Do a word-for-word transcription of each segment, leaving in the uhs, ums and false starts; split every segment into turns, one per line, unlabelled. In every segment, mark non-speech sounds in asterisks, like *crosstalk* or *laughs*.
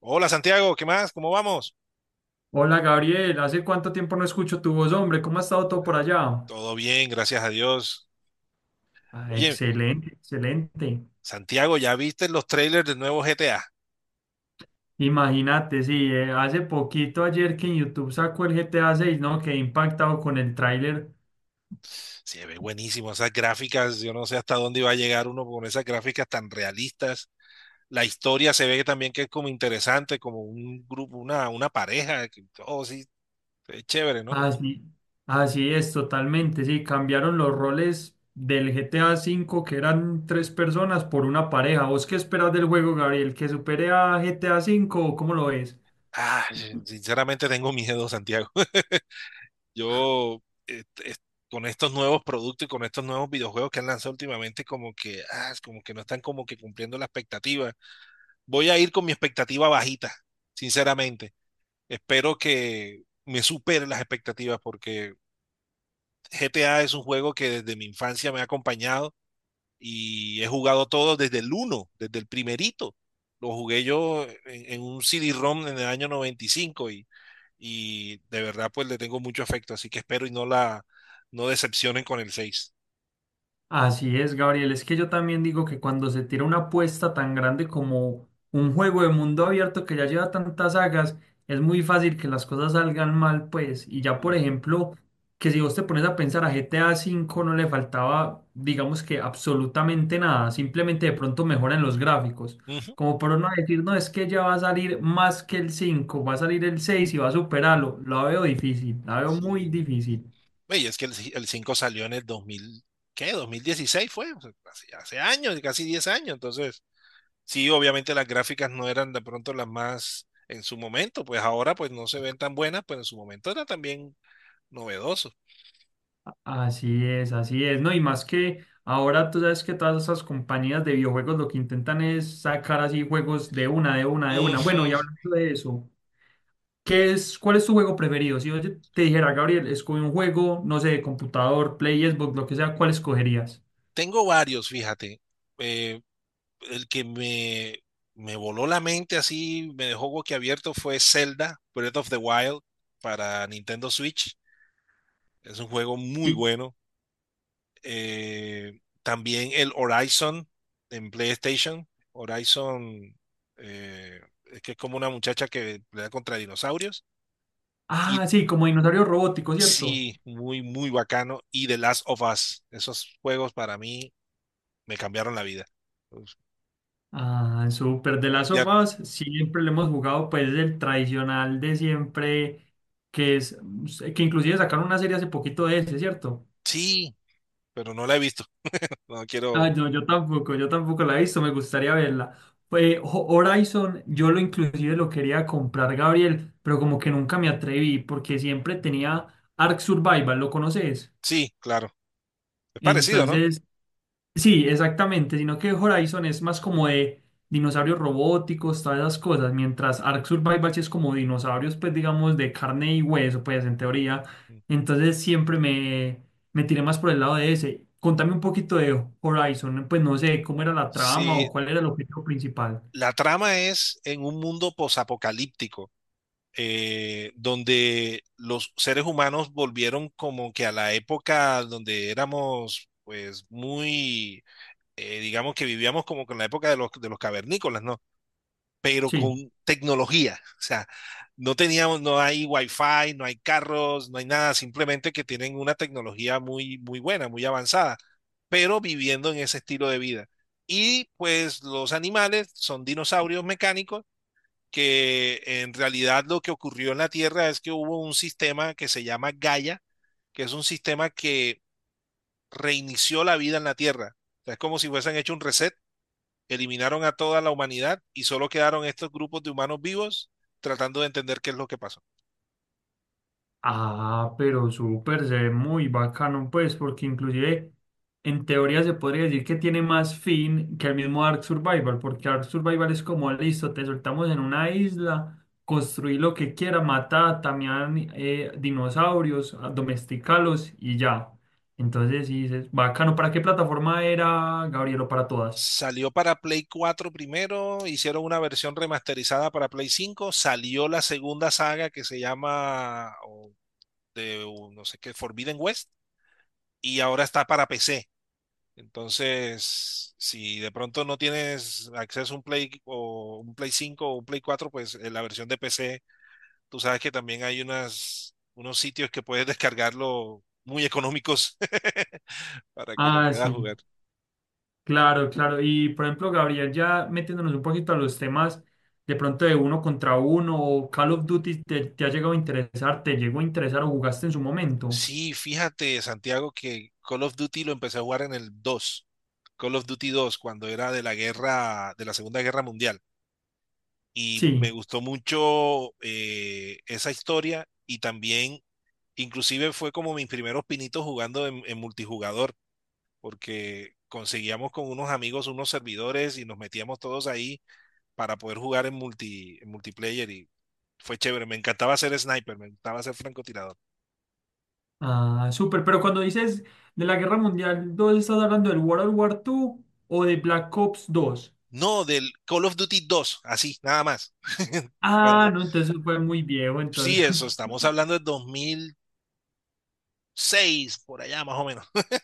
Hola Santiago, ¿qué más? ¿Cómo vamos?
Hola Gabriel, ¿hace cuánto tiempo no escucho tu voz, hombre? ¿Cómo ha estado todo por
Ah,
allá?
Todo bien, gracias a Dios.
Ah,
Oye,
excelente, excelente.
Santiago, ¿ya viste los trailers del nuevo G T A?
Imagínate, sí, eh, hace poquito ayer que en YouTube sacó el G T A seis, ¿no? Quedé impactado con el tráiler.
Se ve buenísimo esas gráficas, yo no sé hasta dónde iba a llegar uno con esas gráficas tan realistas. La historia se ve también que es como interesante, como un grupo, una, una pareja, que, oh sí, es chévere, ¿no?
Así, así es, totalmente, sí, cambiaron los roles del G T A cinco, que eran tres personas, por una pareja. ¿Vos qué esperas del juego, Gabriel? ¿Que supere a G T A cinco o cómo lo ves?
Ah, sin- sinceramente tengo miedo, Santiago. *laughs* Yo, eh, eh, con estos nuevos productos y con estos nuevos videojuegos que han lanzado últimamente, como que, ah, es como que no están como que cumpliendo la expectativa. Voy a ir con mi expectativa bajita, sinceramente. Espero que me supere las expectativas porque G T A es un juego que desde mi infancia me ha acompañado y he jugado todo desde el uno, desde el primerito. Lo jugué yo en, en un C D-ROM en el año noventa y cinco y y de verdad pues le tengo mucho afecto, así que espero y no la no decepcionen con el seis.
Así es, Gabriel. Es que yo también digo que cuando se tira una apuesta tan grande como un juego de mundo abierto que ya lleva tantas sagas, es muy fácil que las cosas salgan mal, pues. Y ya, por
Mm.
ejemplo, que si vos te pones a pensar a G T A V no le faltaba, digamos que absolutamente nada, simplemente de pronto mejora en los gráficos.
Ujú.
Como por no decir, no, es que ya va a salir más que el cinco, va a salir el seis y va a superarlo. La veo difícil, la veo muy
Sí.
difícil.
Oye, es que el, ci- el cinco salió en el dos mil, ¿qué? dos mil dieciséis fue, o sea, hace, hace años, casi diez años, entonces sí, obviamente las gráficas no eran de pronto las más en su momento, pues ahora pues no se ven tan buenas, pero en su momento era también novedoso.
Así es, así es, ¿no? Y más que ahora tú sabes que todas esas compañías de videojuegos lo que intentan es sacar así juegos de una, de una, de una. Bueno, y
Ujú.
hablando de eso, ¿qué es, cuál es tu juego preferido? Si yo te dijera, Gabriel, escoge un juego, no sé, de computador, Play, Xbox, lo que sea, ¿cuál escogerías?
Tengo varios, fíjate. eh, el que me, me voló la mente así, me dejó boquiabierto fue Zelda Breath of the Wild para Nintendo Switch. Es un juego muy
Sí.
bueno. Eh, también el Horizon en PlayStation. Horizon, eh, es que es como una muchacha que pelea contra dinosaurios. Y
Ah, sí, como dinosaurio robótico, ¿cierto?
sí, muy, muy bacano. Y The Last of Us. Esos juegos para mí me cambiaron la vida.
Ah, súper. De las of
Ya,
Us, siempre le hemos jugado, pues, el tradicional de siempre, que es, que inclusive sacaron una serie hace poquito de ese, ¿cierto?
sí, pero no la he visto. No
Ah,
quiero.
no, yo tampoco, yo tampoco la he visto, me gustaría verla. Pues Ho- Horizon, yo lo inclusive lo quería comprar, Gabriel, pero como que nunca me atreví porque siempre tenía Ark Survival, ¿lo conoces?
Sí, claro. Es parecido, ¿no?
Entonces sí, exactamente, sino que Horizon es más como de dinosaurios robóticos, todas esas cosas, mientras Ark Survival sí es como dinosaurios, pues digamos, de carne y hueso, pues en teoría. Entonces siempre me, me tiré más por el lado de ese. Contame un poquito de Horizon, pues no sé cómo era la trama o
Sí,
cuál era el objetivo principal.
la trama es en un mundo posapocalíptico, eh, donde los seres humanos volvieron como que a la época donde éramos, pues, muy, eh, digamos que vivíamos como con la época de los, de los cavernícolas, ¿no? Pero
Sí.
con tecnología. O sea, no teníamos, no hay wifi, no hay carros, no hay nada, simplemente que tienen una tecnología muy, muy buena, muy avanzada, pero viviendo en ese estilo de vida. Y pues los animales son dinosaurios mecánicos que en realidad lo que ocurrió en la Tierra es que hubo un sistema que se llama Gaia, que es un sistema que reinició la vida en la Tierra. O sea, es como si hubiesen hecho un reset, eliminaron a toda la humanidad y solo quedaron estos grupos de humanos vivos tratando de entender qué es lo que pasó.
Ah, pero súper, se ve muy bacano, pues, porque inclusive en teoría se podría decir que tiene más fin que el mismo Ark Survival, porque Ark Survival es como, listo, te soltamos en una isla, construí lo que quiera, mata, también dinosaurios, ah, domesticalos y ya. Entonces, sí, dices, bacano, ¿para qué plataforma era, Gabrielo? Para todas.
Salió para Play cuatro primero, hicieron una versión remasterizada para Play cinco, salió la segunda saga que se llama o de o no sé qué, Forbidden West, y ahora está para P C. Entonces, si de pronto no tienes acceso a un Play o un Play cinco o un Play cuatro, pues eh, la versión de P C. Tú sabes que también hay unas, unos sitios que puedes descargarlo muy económicos *laughs* para que lo
Ah,
puedas
sí.
jugar.
Claro, claro. Y por ejemplo, Gabriel, ya metiéndonos un poquito a los temas de pronto de uno contra uno o Call of Duty, ¿te, te ha llegado a interesar? ¿Te llegó a interesar o jugaste en su momento?
Sí, fíjate, Santiago, que Call of Duty lo empecé a jugar en el dos, Call of Duty dos, cuando era de la guerra, de la Segunda Guerra Mundial. Y me
Sí.
gustó mucho, eh, esa historia y también, inclusive fue como mis primeros pinitos jugando en, en multijugador, porque conseguíamos con unos amigos unos servidores y nos metíamos todos ahí para poder jugar en, multi, en multiplayer y fue chévere. Me encantaba ser sniper, me encantaba ser francotirador.
Ah, súper. Pero cuando dices de la Guerra Mundial dos, ¿estás hablando del World War segunda o de Black Ops dos?
No, del Call of Duty dos, así, nada más. *laughs*
Ah,
Cuando,
no, entonces fue muy viejo, entonces.
sí, eso,
*laughs*
estamos hablando de dos mil seis, por allá más o menos. *laughs*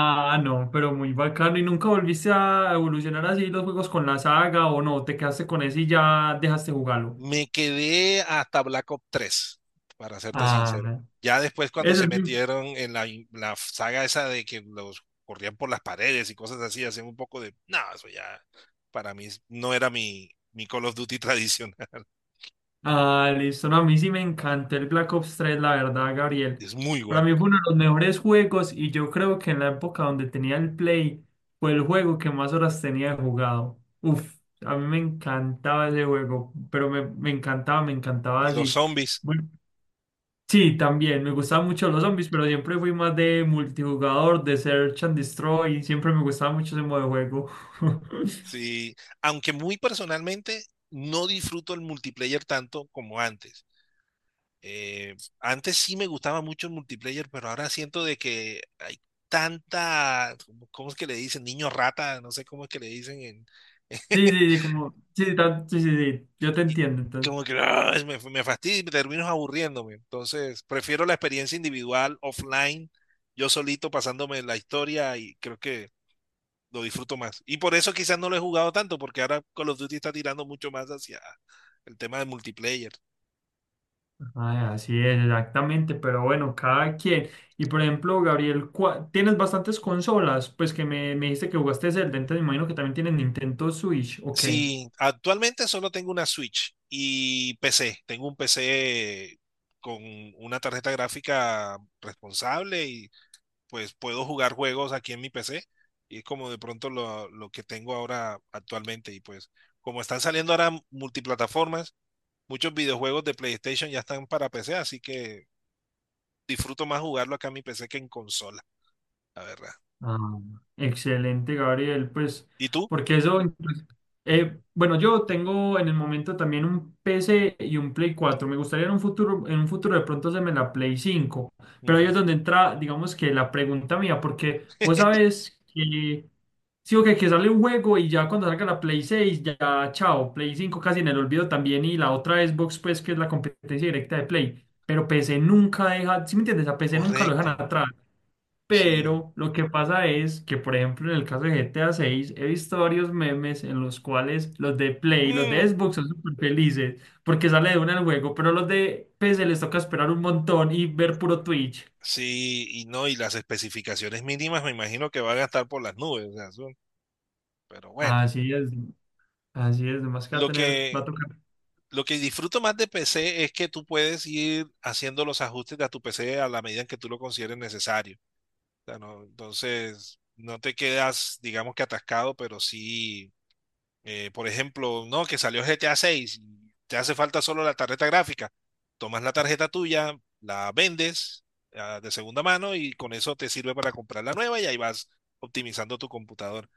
Ah, no, pero muy bacano. ¿Y nunca volviste a evolucionar así los juegos con la saga o no? ¿Te quedaste con ese y ya dejaste jugarlo?
Me quedé hasta Black Ops tres, para serte sincero.
Ah,
Ya después cuando
ese
se
es mi...
metieron en la, la saga esa de que los corrían por las paredes y cosas así, hacían un poco de, no, eso ya para mí no era mi, mi Call of Duty *laughs* tradicional.
Ah, listo. No, a mí sí me encantó el Black Ops tres, la verdad, Gabriel.
Es muy
Para
bueno.
mí fue uno de los mejores juegos y yo creo que en la época donde tenía el Play fue el juego que más horas tenía jugado. Uf, a mí me encantaba ese juego, pero me, me encantaba, me encantaba
Y los
así.
zombies.
Bueno, sí, también me gustaban mucho los zombies, pero siempre fui más de multijugador, de Search and Destroy, siempre me gustaba mucho ese modo de juego. *laughs*
Sí, aunque muy personalmente no disfruto el multiplayer tanto como antes. Eh, antes sí me gustaba mucho el multiplayer, pero ahora siento de que hay tanta, ¿cómo es que le dicen? Niño rata, no sé cómo es que le dicen en...
Sí, sí,
*laughs*
sí, como, sí, tan- sí, sí, sí, yo te
Y
entiendo.
como que ah, me, me fastidio y termino aburriéndome. Entonces, prefiero la experiencia individual, offline, yo solito pasándome la historia y creo que lo disfruto más. Y por eso quizás no lo he jugado tanto, porque ahora Call of Duty está tirando mucho más hacia el tema de multiplayer.
Ah, así es, exactamente, pero bueno, cada quien. Y por ejemplo, Gabriel, ¿cuá- ¿tienes bastantes consolas? Pues que me, me dijiste que jugaste Zelda, entonces me imagino que también tienes Nintendo Switch, ok.
Sí, actualmente solo tengo una Switch y P C. Tengo un P C con una tarjeta gráfica responsable y pues puedo jugar juegos aquí en mi P C. Y es como de pronto lo, lo que tengo ahora actualmente. Y pues como están saliendo ahora multiplataformas, muchos videojuegos de PlayStation ya están para P C, así que disfruto más jugarlo acá en mi P C que en consola, la verdad.
Ah, excelente, Gabriel. Pues,
¿Y tú?
porque eso, incluso- eh, bueno, yo tengo en el momento también un P C y un Play cuatro. Me gustaría en un futuro, en un futuro de pronto hacerme la Play cinco. Pero ahí es
Ujú.
donde entra, digamos que la pregunta mía, porque vos sabes que, sí, o que que sale un juego y ya cuando salga la Play seis ya, chao, Play cinco casi en el olvido también y la otra Xbox, pues, que es la competencia directa de Play. Pero P C nunca deja, ¿sí me entiendes? A P C nunca lo dejan
Correcto,
atrás.
sí.
Pero lo que pasa es que, por ejemplo, en el caso de GTA seis he visto varios memes en los cuales los de Play, los de
Mm,
Xbox son súper felices porque sale de una el juego, pero los de P C les toca esperar un montón y ver puro Twitch.
sí, y no, y las especificaciones mínimas me imagino que van a estar por las nubes, o sea, son, pero bueno,
Así es, así es, más que va a
lo
tener, va a
que,
tocar.
lo que disfruto más de P C es que tú puedes ir haciendo los ajustes a tu P C a la medida en que tú lo consideres necesario. O sea, no, entonces, no te quedas, digamos que atascado, pero sí. Eh, por ejemplo, no, que salió G T A seis, te hace falta solo la tarjeta gráfica. Tomas la tarjeta tuya, la vendes, ah, de segunda mano y con eso te sirve para comprar la nueva y ahí vas optimizando tu computador.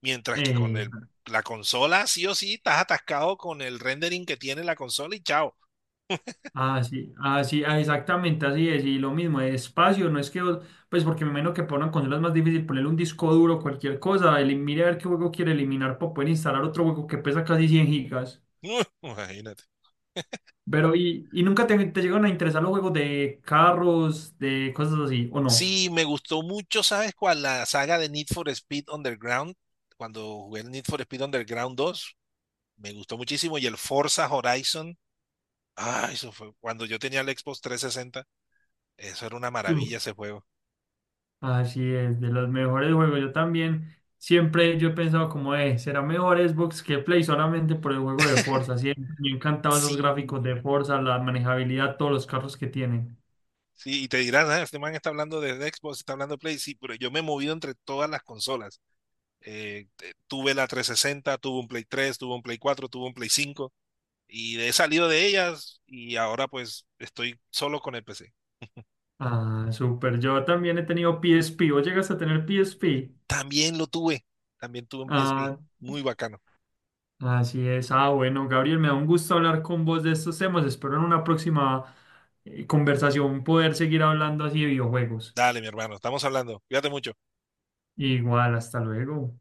Mientras que con
eh,
el, la consola, sí o sí, estás atascado con el rendering que tiene la consola y chao.
Así, así, ah, sí, ah, exactamente, así es. Y lo mismo, de espacio, no es que, vos- pues porque me imagino que para una consola es más difícil ponerle un disco duro, cualquier cosa, elim- mire a ver qué juego quiere eliminar para poder instalar otro juego que pesa casi cien gigas.
*laughs* Imagínate.
Pero, ¿y, y nunca te, te llegan a interesar los juegos de carros, de cosas así, o no?
Sí, me gustó mucho, ¿sabes cuál? La saga de Need for Speed Underground. Cuando jugué el Need for Speed Underground dos, me gustó muchísimo. Y el Forza Horizon. Ah, eso fue cuando yo tenía el Xbox trescientos sesenta. Eso era una
Tú.
maravilla ese juego.
Así es, de los mejores juegos. Yo también siempre yo he pensado como, eh, será mejor Xbox que Play solamente por el juego de Forza. Siempre me han encantado esos
Sí.
gráficos de Forza, la manejabilidad, todos los carros que tienen.
Sí, y te dirán, "Ah, este man está hablando de Xbox, está hablando de Play". Sí, pero yo me he movido entre todas las consolas. Eh, te- tuve la trescientos sesenta, tuve un Play tres, tuve un Play cuatro, tuve un Play cinco y he salido de ellas y ahora pues estoy solo con el P C.
Ah, súper. Yo también he tenido P S P. ¿Vos llegas a tener P S P?
También lo tuve, también tuve un P S P.
Ah,
Muy bacano.
así es. Ah, bueno, Gabriel, me da un gusto hablar con vos de estos temas. Espero en una próxima eh, conversación poder seguir hablando así de videojuegos.
Dale, mi hermano, estamos hablando. Cuídate mucho.
Igual, hasta luego.